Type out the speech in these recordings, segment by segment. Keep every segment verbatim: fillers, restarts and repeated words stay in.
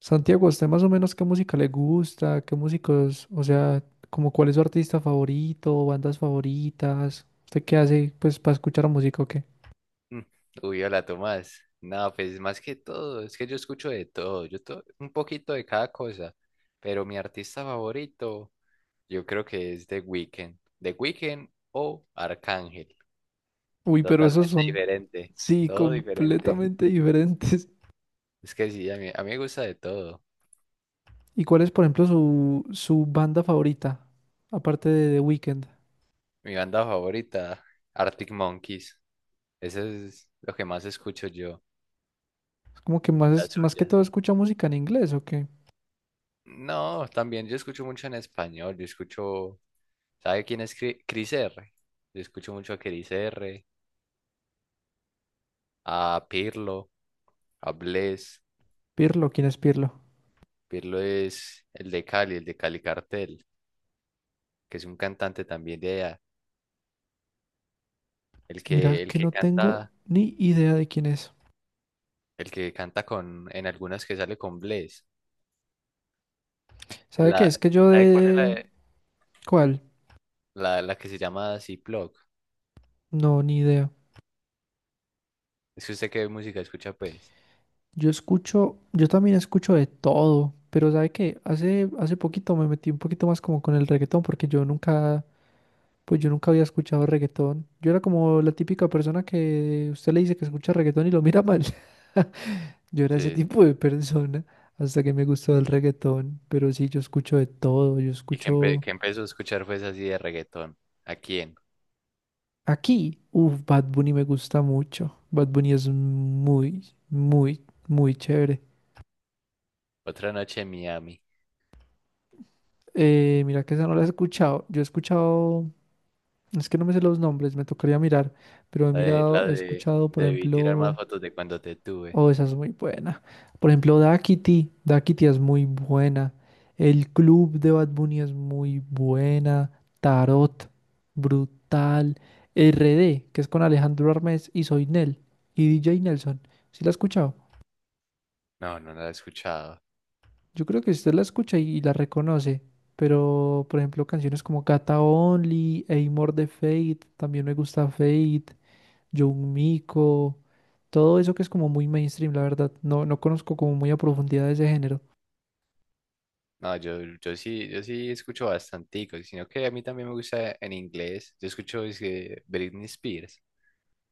Santiago, ¿a ¿usted más o menos qué música le gusta? ¿Qué músicos, o sea, como cuál es su artista favorito, bandas favoritas? ¿Usted qué hace pues para escuchar música o qué? Mm. Uy, hola Tomás. No, pues más que todo, es que yo escucho de todo, yo to- un poquito de cada cosa, pero mi artista favorito yo creo que es The Weeknd, The Weeknd o Arcángel, Uy, pero esos totalmente son, diferente, sí, todo diferente. completamente diferentes. Es que sí, a mí, a mí me gusta de todo. ¿Y cuál es, por ejemplo, su, su banda favorita? Aparte de The Weeknd. Mi banda favorita, Arctic Monkeys, eso es lo que más escucho yo, Es como que la más, más que suya. todo escucha música en inglés o qué. No, también yo escucho mucho en español, yo escucho. ¿Sabe quién es Cri- Chris R? Yo escucho mucho a Chris R, a Pirlo, a Bless. Pirlo, ¿quién es Pirlo? Pirlo es el de Cali, el de Cali Cartel, que es un cantante también de allá. El que, Mira el que que no tengo canta, ni idea de quién es. el que canta con, en algunas que sale con Bless. ¿Sabe qué? La, Es que yo ¿sabe cuál es la, de... de- ¿Cuál? la, la que se llama Ziploc? No, ni idea. Es que usted qué música escucha, pues. Yo escucho, yo también escucho de todo, pero ¿sabe qué? Hace, hace poquito me metí un poquito más como con el reggaetón, porque yo nunca, pues yo nunca había escuchado reggaetón. Yo era como la típica persona que usted le dice que escucha reggaetón y lo mira mal. Yo era ese Sí, sí. tipo de persona hasta que me gustó el reggaetón, pero sí, yo escucho de todo, yo Y que, empe- escucho que empezó a escuchar pues así de reggaetón. ¿A quién? aquí, uff, Bad Bunny me gusta mucho. Bad Bunny es muy, muy, muy chévere. Otra noche en Miami. Eh, mira que esa no la he escuchado. Yo he escuchado. Es que no me sé los nombres, me tocaría mirar, pero he La de, mirado, la he de escuchado, por debí tirar más ejemplo, fotos de cuando te tuve. oh, esa es muy buena. Por ejemplo, Daquiti, Daquiti es muy buena. El club de Bad Bunny es muy buena. Tarot, brutal. R D, que es con Alejandro Armes y Soy Nel y D J Nelson. ¿Sí la ha escuchado? No, no la he escuchado. Yo creo que usted la escucha y la reconoce, pero por ejemplo, canciones como Gata Only, Amor de Fate, también me gusta Fate, Young Miko. Todo eso que es como muy mainstream, la verdad. No, no conozco como muy a profundidad ese género. No, yo, yo sí, yo sí escucho bastantico, sino que a mí también me gusta en inglés. Yo escucho es que, Britney Spears.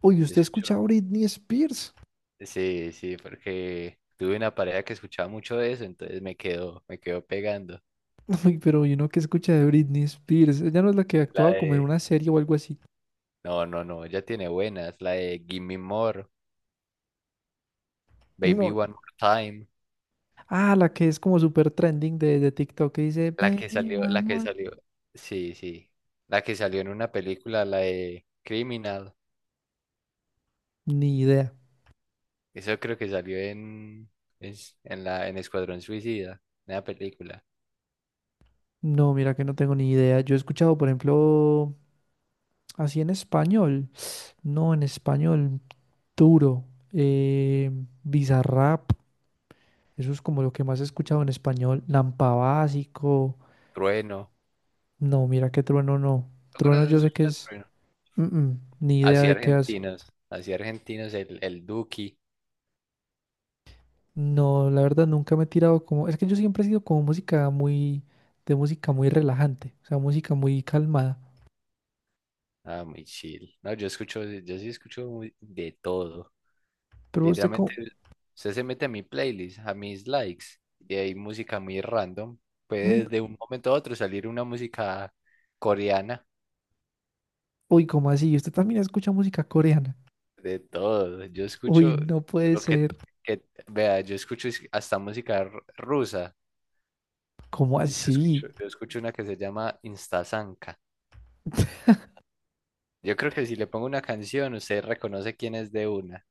Uy, Yo ¿usted escucho. escucha a Britney Spears? Sí, sí, porque tuve una pareja que escuchaba mucho de eso, entonces me quedó, me quedó pegando. Uy, pero ¿y uno que escucha de Britney Spears? Ella no es la que La actuaba como en de, una serie o algo así. no, no, no, ya tiene buenas. La de Give Me More, Baby No. One More Time. Ah, la que es como súper trending de, de TikTok que dice La que Baby salió, One la que More. salió, sí, sí. La que salió en una película, la de Criminal. Ni idea. Eso creo que salió en, es- en, la, en Escuadrón Suicida, en la película. No, mira que no tengo ni idea. Yo he escuchado, por ejemplo, así en español. No, en español duro. Eh, Bizarrap. Eso es como lo que más he escuchado en español. Lampa Básico. Trueno. No, mira que Trueno no. ¿No Trueno yo conoces sé que a es... Trueno? mm, mm, ni idea Así de qué hace. argentinos. Así argentinos, el, el Duki. No, la verdad nunca me he tirado como... Es que yo siempre he sido como música muy... De música muy relajante. O sea, música muy calmada. Ah, muy chill. No, yo escucho, yo sí escucho muy- de todo. Pero usted Literalmente, como... usted se mete a mi playlist, a mis likes, y hay música muy random. mm, Puede de un momento a otro salir una música coreana. Uy, ¿cómo así? ¿Usted también escucha música coreana? De todo. Yo Uy, escucho no puede lo que, ser. que- vea, yo escucho es- hasta música r- rusa. ¿Cómo Yo así? escucho, yo escucho una que se llama Instasanka. Yo creo que si le pongo una canción, usted reconoce quién es de una,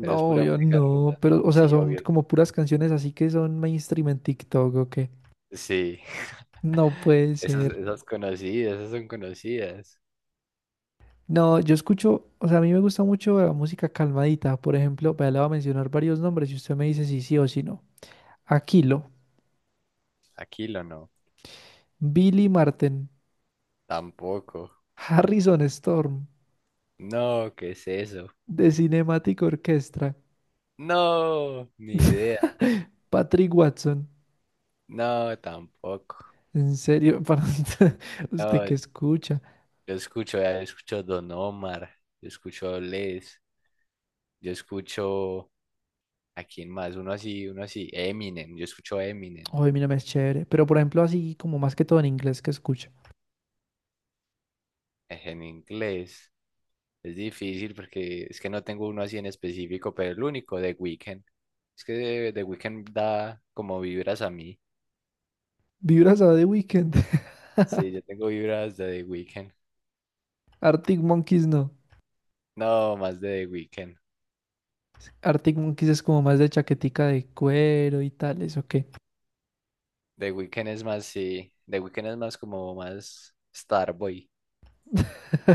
pero es pura yo música no. rusa. Pero, o sea, Sí, son obvio. como puras canciones así que son mainstream en TikTok o qué. Sí. No puede Esas, ser. esas conocidas, esas son conocidas. No, yo escucho, o sea, a mí me gusta mucho la música calmadita. Por ejemplo, vea, le voy a mencionar varios nombres y usted me dice si sí o si no. Aquilo, Aquilo no, Billy Martin, tampoco. Harrison Storm, No, ¿qué es eso? The Cinematic Orchestra, No, ni idea. Patrick Watson. No, tampoco. En serio, para usted ¿usted No, qué escucha? yo escucho, ya escucho Don Omar, yo escucho Les, yo escucho a quién más, uno así, uno así, Eminem, yo escucho Eminem, Ay, mira, me es chévere. Pero por ejemplo, así como más que todo en inglés que escucha. eh, en inglés. Es difícil porque es que no tengo uno así en específico, pero el único, The Weeknd. Es que The Weeknd da como vibras a mí. Vibras a The Weeknd. Sí, yo tengo vibras de The Weeknd. Arctic Monkeys no. No, más de The Weeknd. ¿Arctic Monkeys es como más de chaquetica de cuero y tales o qué? The Weeknd es más, sí, The Weeknd es más como más Starboy.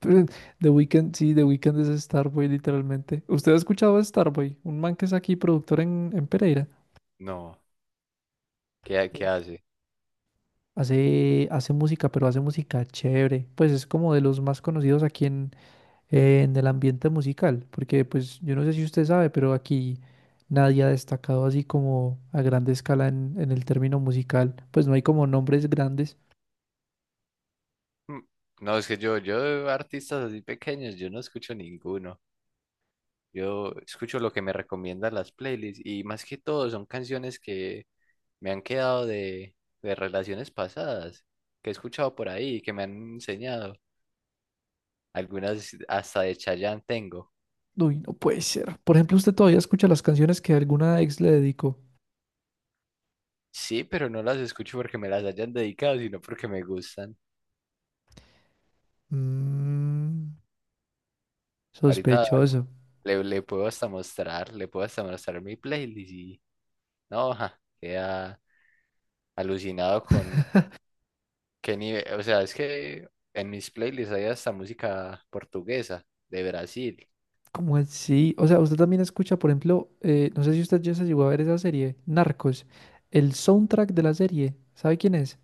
Pero The Weeknd, sí, The Weeknd es Starboy, literalmente. ¿Usted ha escuchado a Starboy? Un man que es aquí productor en, en Pereira. No, ¿qué, qué Sí. hace? Hace, hace música, pero hace música chévere. Pues es como de los más conocidos aquí en, en el ambiente musical. Porque, pues, yo no sé si usted sabe, pero aquí nadie ha destacado así como a grande escala en, en el término musical. Pues no hay como nombres grandes. Mm. No, es que yo, yo de artistas así pequeños, yo no escucho ninguno. Yo escucho lo que me recomiendan las playlists y más que todo son canciones que me han quedado de, de relaciones pasadas, que he escuchado por ahí, que me han enseñado. Algunas hasta de Chayanne tengo. Uy, no puede ser. Por ejemplo, usted todavía escucha las canciones que alguna ex le dedicó. Sí, pero no las escucho porque me las hayan dedicado, sino porque me gustan. Mm, Ahorita sospechoso. le, le puedo hasta mostrar, le puedo hasta mostrar mi playlist y no, ja, queda alucinado con. Qué nivel, o sea, es que en mis playlists hay hasta música portuguesa de Brasil. ¿Cómo así? O sea, usted también escucha, por ejemplo, eh, no sé si usted ya se llegó a ver esa serie, Narcos. El soundtrack de la serie, ¿sabe quién es?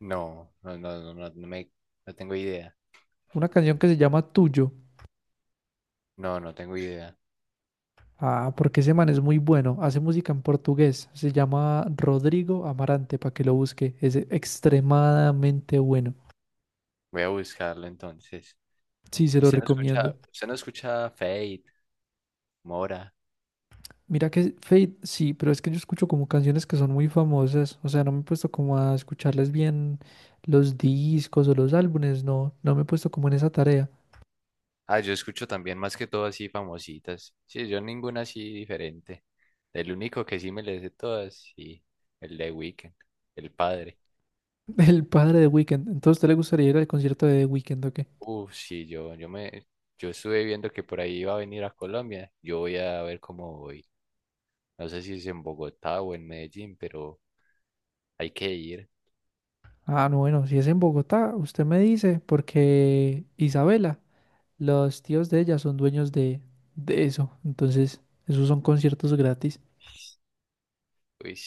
No, no, no, no, no, no me, no tengo idea. Una canción que se llama Tuyo. No, no tengo idea. Ah, porque ese man es muy bueno. Hace música en portugués. Se llama Rodrigo Amarante, para que lo busque. Es extremadamente bueno. Voy a buscarlo entonces. Sí, se lo ¿Usted no recomiendo. escucha, usted no escucha Fate, Mora? Mira que Fate, sí, pero es que yo escucho como canciones que son muy famosas. O sea, no me he puesto como a escucharles bien los discos o los álbumes. No, no me he puesto como en esa tarea. Ah, yo escucho también más que todo así famositas. Sí, yo ninguna así diferente. El único que sí me le sé todas, sí, el de Weekend, el padre. El padre de Weekend. Entonces, ¿usted le gustaría ir al concierto de Weekend o qué? Uf, sí, yo, yo me, yo estuve viendo que por ahí iba a venir a Colombia. Yo voy a ver cómo voy. No sé si es en Bogotá o en Medellín, pero hay que ir. Ah, no, bueno, si es en Bogotá, usted me dice, porque Isabela, los tíos de ella son dueños de, de eso. Entonces, esos son conciertos gratis. Uy,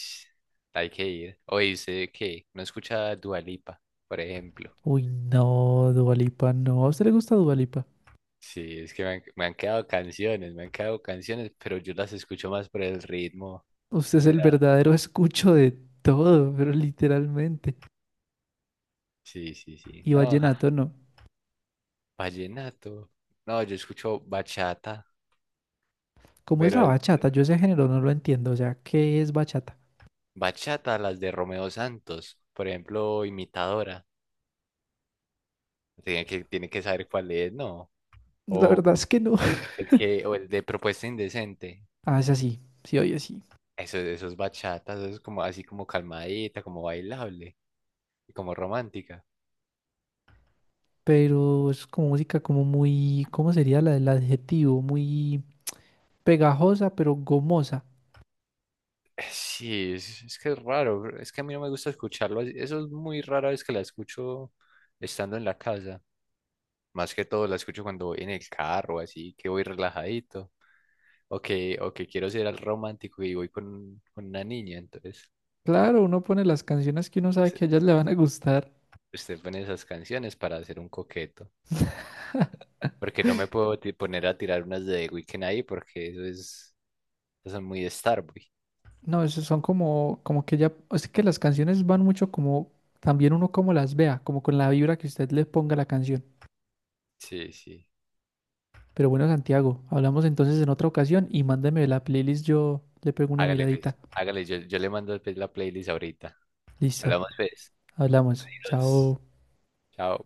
hay que ir. O dice que no escucha Dua Lipa, por ejemplo. Uy, no, Dualipa, no. ¿A usted le gusta Dualipa? Sí, es que me han, me han quedado canciones, me han quedado canciones, pero yo las escucho más por el ritmo. Usted O es el sea, verdadero escucho de todo, pero literalmente. sí, sí, sí. Y No, ja, vallenato no. vallenato. No, yo escucho bachata, ¿Cómo es pero la el- bachata? Yo ese género no lo entiendo. O sea, ¿qué es bachata? bachata, las de Romeo Santos, por ejemplo, imitadora. Tiene que, tiene que saber cuál es, ¿no? La O verdad es que no. el que, o el de Propuesta Indecente. Ah, es así. Sí, oye, sí. Eso, eso es bachata, eso es como así como calmadita, como bailable y como romántica. Pero es como música como muy, ¿cómo sería la, el adjetivo? Muy pegajosa, pero gomosa. Eh, Sí, es, es que es raro, bro, es que a mí no me gusta escucharlo así. Eso es muy rara vez que la escucho estando en la casa. Más que todo la escucho cuando voy en el carro, así que voy relajadito. O que, o que quiero ser el romántico y voy con, con una niña, entonces Claro, uno pone las canciones que uno sabe se- que a ellas le van a gustar. usted pone esas canciones para hacer un coqueto. Porque no me puedo ti- poner a tirar unas de The Weeknd ahí porque eso es, eso son muy Starboy. No, eso son como, como que ya, es que las canciones van mucho como, también uno como las vea, como con la vibra que usted le ponga a la canción. Sí, sí. Pero bueno, Santiago, hablamos entonces en otra ocasión y mándeme la playlist, yo le pego una Hágale, miradita. pues. Hágale, yo, yo le mando pues, la playlist ahorita. Listo, Hablamos, pues. hablamos, Adiós. chao. Chao.